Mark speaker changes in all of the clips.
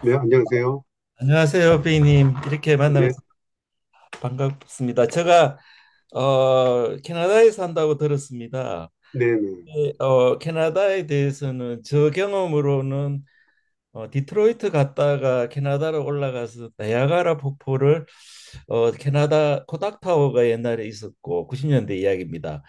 Speaker 1: 네, 안녕하세요.
Speaker 2: 안녕하세요, 비님. 이렇게 만나면서
Speaker 1: 예,
Speaker 2: 반갑습니다. 제가 캐나다에 산다고 들었습니다.
Speaker 1: 네네.
Speaker 2: 예, 캐나다에 대해서는 저 경험으로는 디트로이트 갔다가 캐나다로 올라가서 나야가라 폭포를 캐나다 코닥타워가 옛날에 있었고 90년대 이야기입니다.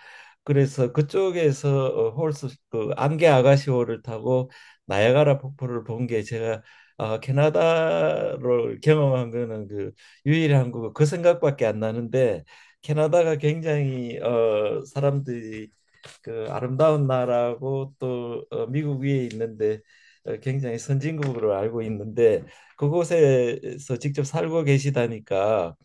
Speaker 2: 그래서 그쪽에서 홀스 그 안개 아가시호를 타고 나야가라 폭포를 본 게 제가 캐나다를 경험한 거는 그 유일한 거고 그 생각밖에 안 나는데 캐나다가 굉장히 사람들이 그 아름다운 나라고 또 미국 위에 있는데 굉장히 선진국으로 알고 있는데 그곳에서 직접 살고 계시다니까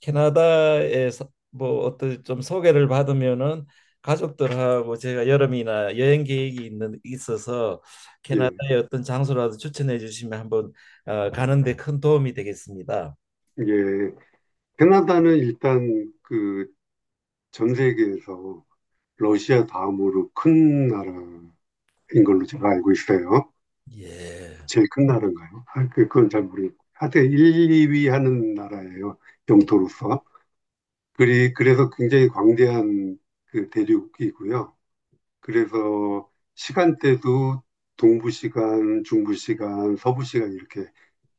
Speaker 2: 캐나다에 서뭐 어떤 좀 소개를 받으면은 가족들하고 제가 여름이나 여행 계획이 있는 있어서
Speaker 1: 예,
Speaker 2: 캐나다의 어떤 장소라도 추천해 주시면 한번 가는데 큰 도움이 되겠습니다.
Speaker 1: 예. 캐나다는 일단 그 전 세계에서 러시아 다음으로 큰 나라인 걸로 제가 알고 있어요.
Speaker 2: 예.
Speaker 1: 제일 큰 나라인가요? 아, 그건 잘 모르겠고. 하여튼 1, 2위 하는 나라예요.
Speaker 2: 네.
Speaker 1: 영토로서. 그래서 굉장히 광대한 그 대륙이고요. 그래서 시간대도 동부 시간, 중부 시간, 서부 시간 이렇게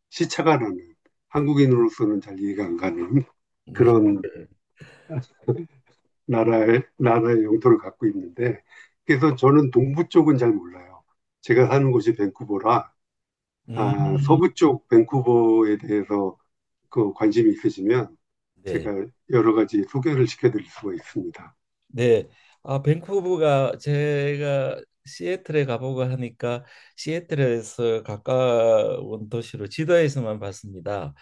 Speaker 1: 시차가 나는 한국인으로서는 잘 이해가 안 가는 그런 나라의 영토를 갖고 있는데, 그래서 저는 동부 쪽은 잘 몰라요. 제가 사는 곳이 밴쿠버라,
Speaker 2: 음,
Speaker 1: 아, 서부 쪽 밴쿠버에 대해서 그 관심이 있으시면
Speaker 2: 네.
Speaker 1: 제가 여러 가지 소개를 시켜드릴 수가 있습니다.
Speaker 2: 네. 아, 밴쿠버가 제가 시애틀에 가보고 하니까 시애틀에서 가까운 도시로 지도에서만 봤습니다.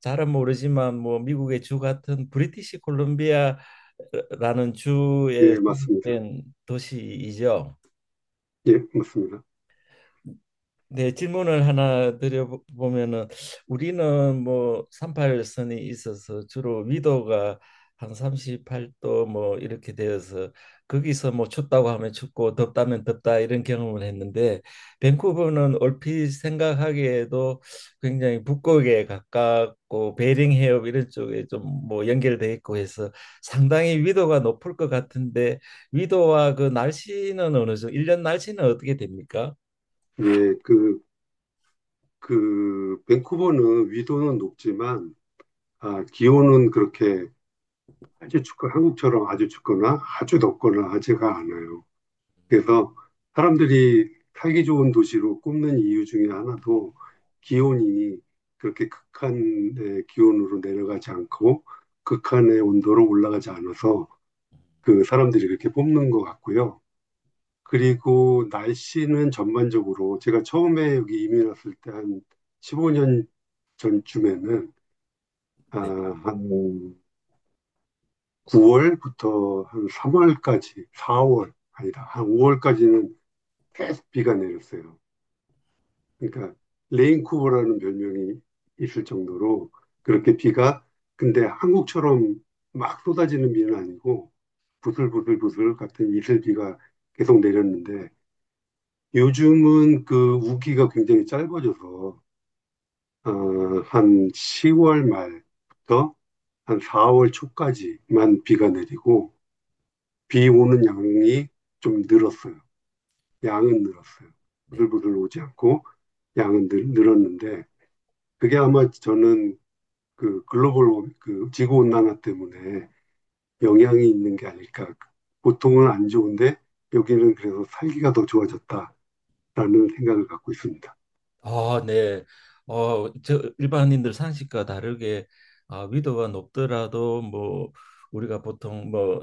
Speaker 2: 잘은 모르지만 뭐 미국의 주 같은 브리티시 콜롬비아라는 주된
Speaker 1: 예, 맞습니다.
Speaker 2: 도시이죠.
Speaker 1: 예, 맞습니다.
Speaker 2: 네, 질문을 하나 드려보면은 우리는 뭐 38선이 있어서 주로 위도가 한 38도 뭐 이렇게 되어서 거기서 뭐 춥다고 하면 춥고 덥다면 덥다 이런 경험을 했는데 밴쿠버는 얼핏 생각하기에도 굉장히 북극에 가깝고 베링 해협 이런 쪽에 좀 뭐 연결돼 있고 해서 상당히 위도가 높을 것 같은데 위도와 그 날씨는 어느 정도 일년 날씨는 어떻게 됩니까?
Speaker 1: 예, 밴쿠버는 위도는 높지만, 아, 기온은 그렇게 아주 춥고, 한국처럼 아주 춥거나 아주 덥거나 하지가 않아요. 그래서 사람들이 살기 좋은 도시로 꼽는 이유 중에 하나도 기온이 그렇게 극한의 기온으로 내려가지 않고 극한의 온도로 올라가지 않아서 그 사람들이 그렇게 뽑는 것 같고요. 그리고 날씨는 전반적으로 제가 처음에 여기 이민 왔을 때 한 15년 전쯤에는 아, 한 9월부터 한 3월까지, 4월, 아니다, 한 5월까지는 계속 비가 내렸어요. 그러니까 레인쿠버라는 별명이 있을 정도로 그렇게 비가, 근데 한국처럼 막 쏟아지는 비는 아니고 부슬부슬부슬 같은 이슬비가 계속 내렸는데, 요즘은 그 우기가 굉장히 짧아져서 어, 한 10월 말부터 한 4월 초까지만 비가 내리고 비 오는 양이 좀 늘었어요. 양은 늘었어요. 부들부들 오지 않고 양은 늘었는데, 그게 아마 저는 그 글로벌 그 지구 온난화 때문에 영향이 있는 게 아닐까. 보통은 안 좋은데 여기는 그래서 살기가 더 좋아졌다라는 생각을 갖고 있습니다.
Speaker 2: 아, 네. 저 일반인들 상식과 다르게 아, 위도가 높더라도 뭐 우리가 보통 뭐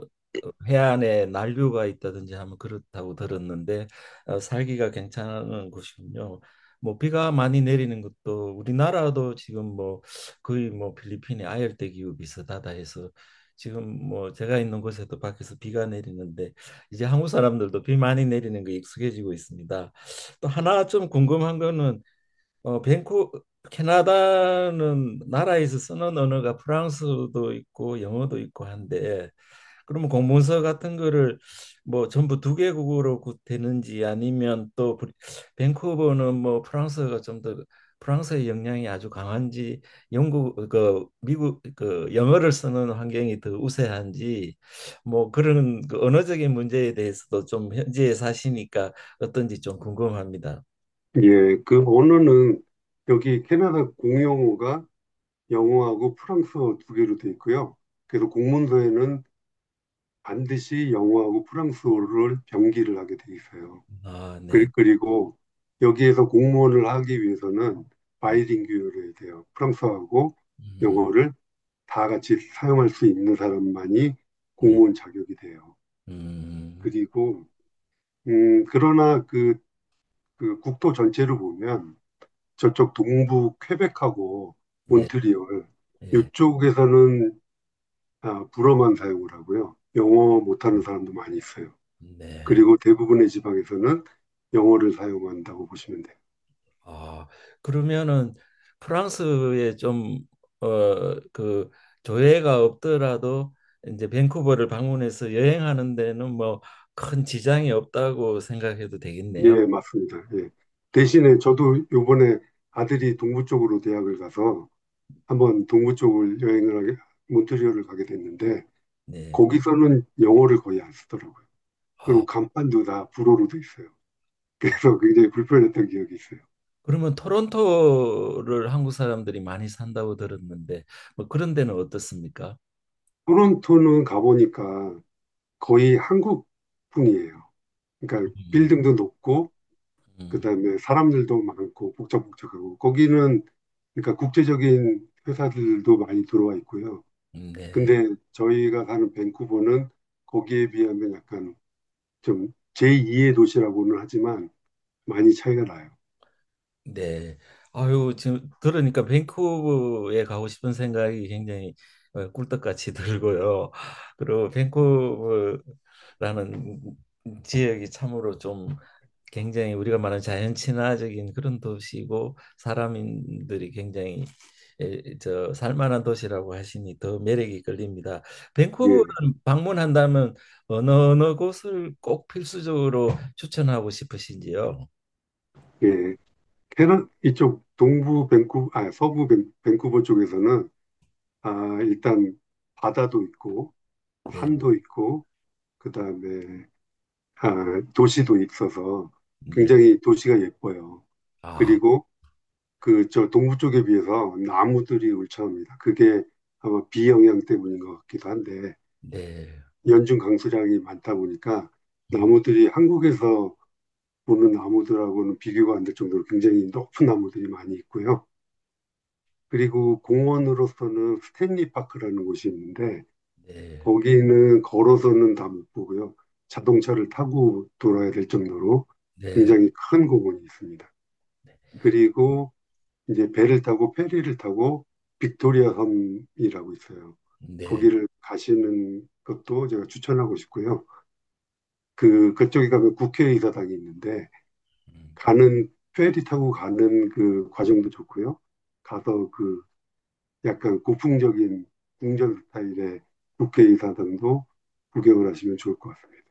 Speaker 2: 해안에 난류가 있다든지 하면 그렇다고 들었는데 살기가 괜찮은 곳이군요. 뭐 비가 많이 내리는 것도 우리나라도 지금 뭐 거의 뭐 필리핀의 아열대 기후 비슷하다 해서 지금 뭐 제가 있는 곳에도 밖에서 비가 내리는데 이제 한국 사람들도 비 많이 내리는 거 익숙해지고 있습니다. 또 하나 좀 궁금한 거는 어, 밴쿠 캐나다는 나라에서 쓰는 언어가 프랑스어도 있고 영어도 있고 한데 그러면 공문서 같은 거를 뭐 전부 두 개국어로 구- 되는지 아니면 또 브리- 밴쿠버는 뭐 프랑스어가 좀 더 프랑스의 영향이 아주 강한지 영국 그 미국 그 영어를 쓰는 환경이 더 우세한지 뭐 그런 그 언어적인 문제에 대해서도 좀 현지에 사시니까 어떤지 좀 궁금합니다.
Speaker 1: 예, 그 언어는 여기 캐나다 공용어가 영어하고 프랑스어 두 개로 돼 있고요. 그래서 공문서에는 반드시 영어하고 프랑스어를 병기를 하게 돼 있어요.
Speaker 2: 아, 네.
Speaker 1: 그리고 여기에서 공무원을 하기 위해서는
Speaker 2: 음.
Speaker 1: 바이링구얼 해야 돼요. 프랑스어하고
Speaker 2: 음,
Speaker 1: 영어를 다 같이 사용할 수 있는 사람만이
Speaker 2: 네.
Speaker 1: 공무원 자격이 돼요.
Speaker 2: 음,
Speaker 1: 그리고 그러나 그 국토 전체를 보면 저쪽 동부 퀘벡하고
Speaker 2: 네.
Speaker 1: 몬트리올
Speaker 2: 네.
Speaker 1: 이쪽에서는 아, 불어만 사용을 하고요. 영어 못하는 사람도 많이 있어요.
Speaker 2: 네.
Speaker 1: 그리고 대부분의 지방에서는 영어를 사용한다고 보시면 돼요.
Speaker 2: 아, 그러면은 프랑스에 좀, 어, 그 조회가 없더라도 이제 밴쿠버를 방문해서 여행하는 데는 뭐 큰 지장이 없다고 생각해도 되겠네요.
Speaker 1: 예, 맞습니다. 예. 대신에 저도 요번에 아들이 동부 쪽으로 대학을 가서 한번 동부 쪽을 여행을 하게, 몬트리올을 가게 됐는데
Speaker 2: 네.
Speaker 1: 거기서는 영어를 거의 안 쓰더라고요. 그리고
Speaker 2: 아,
Speaker 1: 간판도 다 불어로 돼 있어요.
Speaker 2: 어,
Speaker 1: 그래서 굉장히 불편했던 기억이 있어요.
Speaker 2: 그러면 토론토를 한국 사람들이 많이 산다고 들었는데 뭐 그런 데는 어떻습니까?
Speaker 1: 토론토는 가보니까 거의 한국풍이에요. 그러니까
Speaker 2: 음,
Speaker 1: 빌딩도 높고
Speaker 2: 음,
Speaker 1: 그다음에 사람들도 많고 복잡복잡하고 거기는, 그러니까 국제적인 회사들도 많이 들어와 있고요.
Speaker 2: 네.
Speaker 1: 근데 저희가 가는 밴쿠버는 거기에 비하면 약간 좀 제2의 도시라고는 하지만 많이 차이가 나요.
Speaker 2: 네. 아유, 지금 들으니까 밴쿠버에 가고 싶은 생각이 굉장히 꿀떡같이 들고요. 그리고 밴쿠버라는 지역이 참으로 좀 굉장히 우리가 말하는 자연 친화적인 그런 도시고 사람들이 굉장히 에, 저 살만한 도시라고 하시니 더 매력이 끌립니다. 밴쿠버를
Speaker 1: 예,
Speaker 2: 방문한다면 어느 어느 곳을 꼭 필수적으로 추천하고 싶으신지요?
Speaker 1: 예. 캐나 이쪽 동부 밴쿠 아, 서부 밴쿠버 쪽에서는 아, 일단 바다도 있고
Speaker 2: 네.
Speaker 1: 산도 있고 그다음에 아, 도시도 있어서
Speaker 2: 네.
Speaker 1: 굉장히 도시가 예뻐요.
Speaker 2: 아.
Speaker 1: 그리고 그 저 동부 쪽에 비해서 나무들이 울창합니다. 그게 아마 비 영향 때문인 것 같기도 한데
Speaker 2: 네,
Speaker 1: 연중 강수량이 많다 보니까
Speaker 2: 음,
Speaker 1: 나무들이 한국에서 보는 나무들하고는 비교가 안 될 정도로 굉장히 높은 나무들이 많이 있고요. 그리고 공원으로서는 스탠리 파크라는 곳이 있는데
Speaker 2: 네,
Speaker 1: 거기는 걸어서는 다 못 보고요. 자동차를 타고 돌아야 될 정도로
Speaker 2: 네,
Speaker 1: 굉장히 큰 공원이 있습니다. 그리고 이제 배를 타고 페리를 타고 빅토리아 섬이라고 있어요.
Speaker 2: 네,
Speaker 1: 거기를 가시는 것도 제가 추천하고 싶고요. 그 그쪽에 가면 국회의사당이 있는데
Speaker 2: 음.
Speaker 1: 가는 페리 타고 가는 그 과정도 좋고요. 가서 그 약간 고풍적인 궁전 스타일의 국회의사당도 구경을 하시면 좋을 것 같습니다.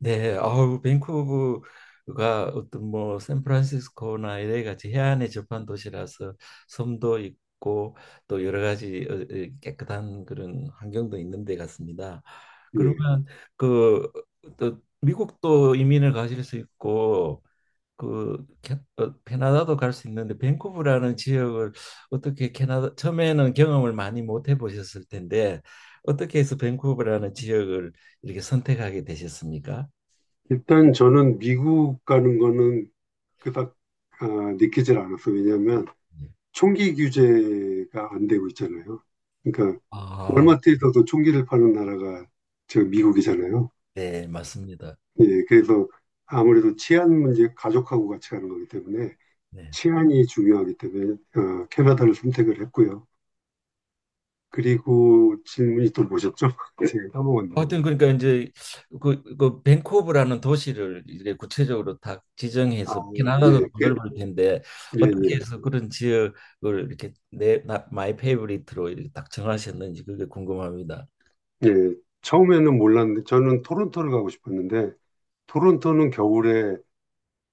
Speaker 2: 네. 아우 밴쿠버가 어떤 뭐 샌프란시스코나 이 a 같이 해안에 접한 도시라서 섬도 있고 또 여러 가지 깨끗한 그런 환경도 있는 데 같습니다.
Speaker 1: 예.
Speaker 2: 그러면 그 또 미국도 이민을 가실 수 있고 그 캐나다도 갈 수 있는데 밴쿠버라는 지역을 어떻게 캐나다 처음에는 경험을 많이 못 해보셨을 텐데 어떻게 해서 밴쿠버라는 지역을 이렇게 선택하게 되셨습니까?
Speaker 1: 일단 저는 미국 가는 거는 그닥 아, 느끼질 않았어요. 왜냐하면
Speaker 2: 예.
Speaker 1: 총기 규제가 안 되고 있잖아요. 그러니까
Speaker 2: 아,
Speaker 1: 월마트에서도 총기를 파는 나라가 저 미국이잖아요.
Speaker 2: 네, 맞습니다.
Speaker 1: 예, 그래서 아무래도 치안 문제, 가족하고 같이 가는 거기 때문에
Speaker 2: 네.
Speaker 1: 치안이 중요하기 때문에 캐나다를 선택을 했고요. 그리고 질문이 또 뭐셨죠? 제가 까먹었네.
Speaker 2: 하여튼 그러니까 이제 그 밴쿠버라는 도시를 이렇게 구체적으로 다 지정해서 캐나다도
Speaker 1: 예,
Speaker 2: 더 넓을 텐데
Speaker 1: 예,
Speaker 2: 어떻게
Speaker 1: 예,
Speaker 2: 해서 그런 지역을 이렇게 마이 페이보릿으로 이렇게 딱 정하셨는지 그게 궁금합니다.
Speaker 1: 예. 처음에는 몰랐는데 저는 토론토를 가고 싶었는데 토론토는 겨울에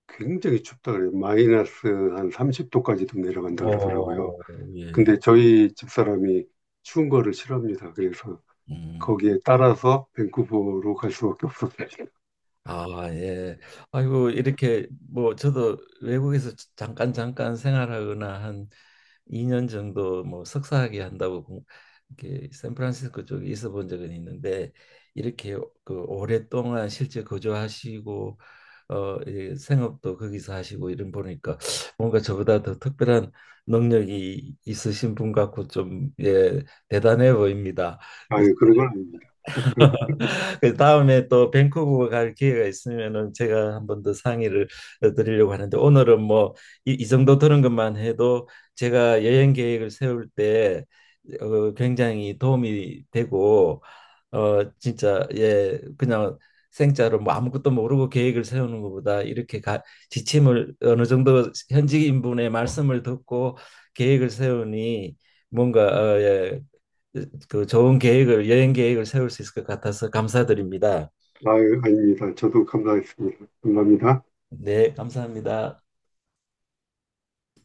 Speaker 1: 굉장히 춥다 그래요. 마이너스 한 30도까지도 내려간다 그러더라고요.
Speaker 2: 어, 예.
Speaker 1: 근데 저희 집사람이 추운 거를 싫어합니다. 그래서
Speaker 2: 음,
Speaker 1: 거기에 따라서 밴쿠버로 갈 수밖에 없었어요.
Speaker 2: 아, 예. 아이고, 이렇게 뭐 저도 외국에서 잠깐 잠깐 생활하거나 한 2년 정도 뭐 석사학위 한다고 공- 이렇게 샌프란시스코 쪽에 있어 본 적은 있는데 이렇게 그 오랫동안 실제 거주하시고 예, 생업도 거기서 하시고 이런 보니까 뭔가 저보다 더 특별한 능력이 있으신 분 같고 좀 예, 대단해 보입니다.
Speaker 1: 아유, 그런 건 아닙니다.
Speaker 2: 그 다음에 또 밴쿠버 갈 기회가 있으면은 제가 한 번 더 상의를 드리려고 하는데 오늘은 뭐 이 이 정도 들은 것만 해도 제가 여행 계획을 세울 때 굉장히 도움이 되고 어 진짜 예 그냥 생짜로 뭐 아무것도 모르고 계획을 세우는 것보다 이렇게 가, 지침을 어느 정도 현지인분의 말씀을 듣고 계획을 세우니 뭔가 예, 그 좋은 계획을 여행 계획을 세울 수 있을 것 같아서 감사드립니다.
Speaker 1: 아유, 아닙니다. 저도 감사했습니다. 감사합니다.
Speaker 2: 네, 감사합니다.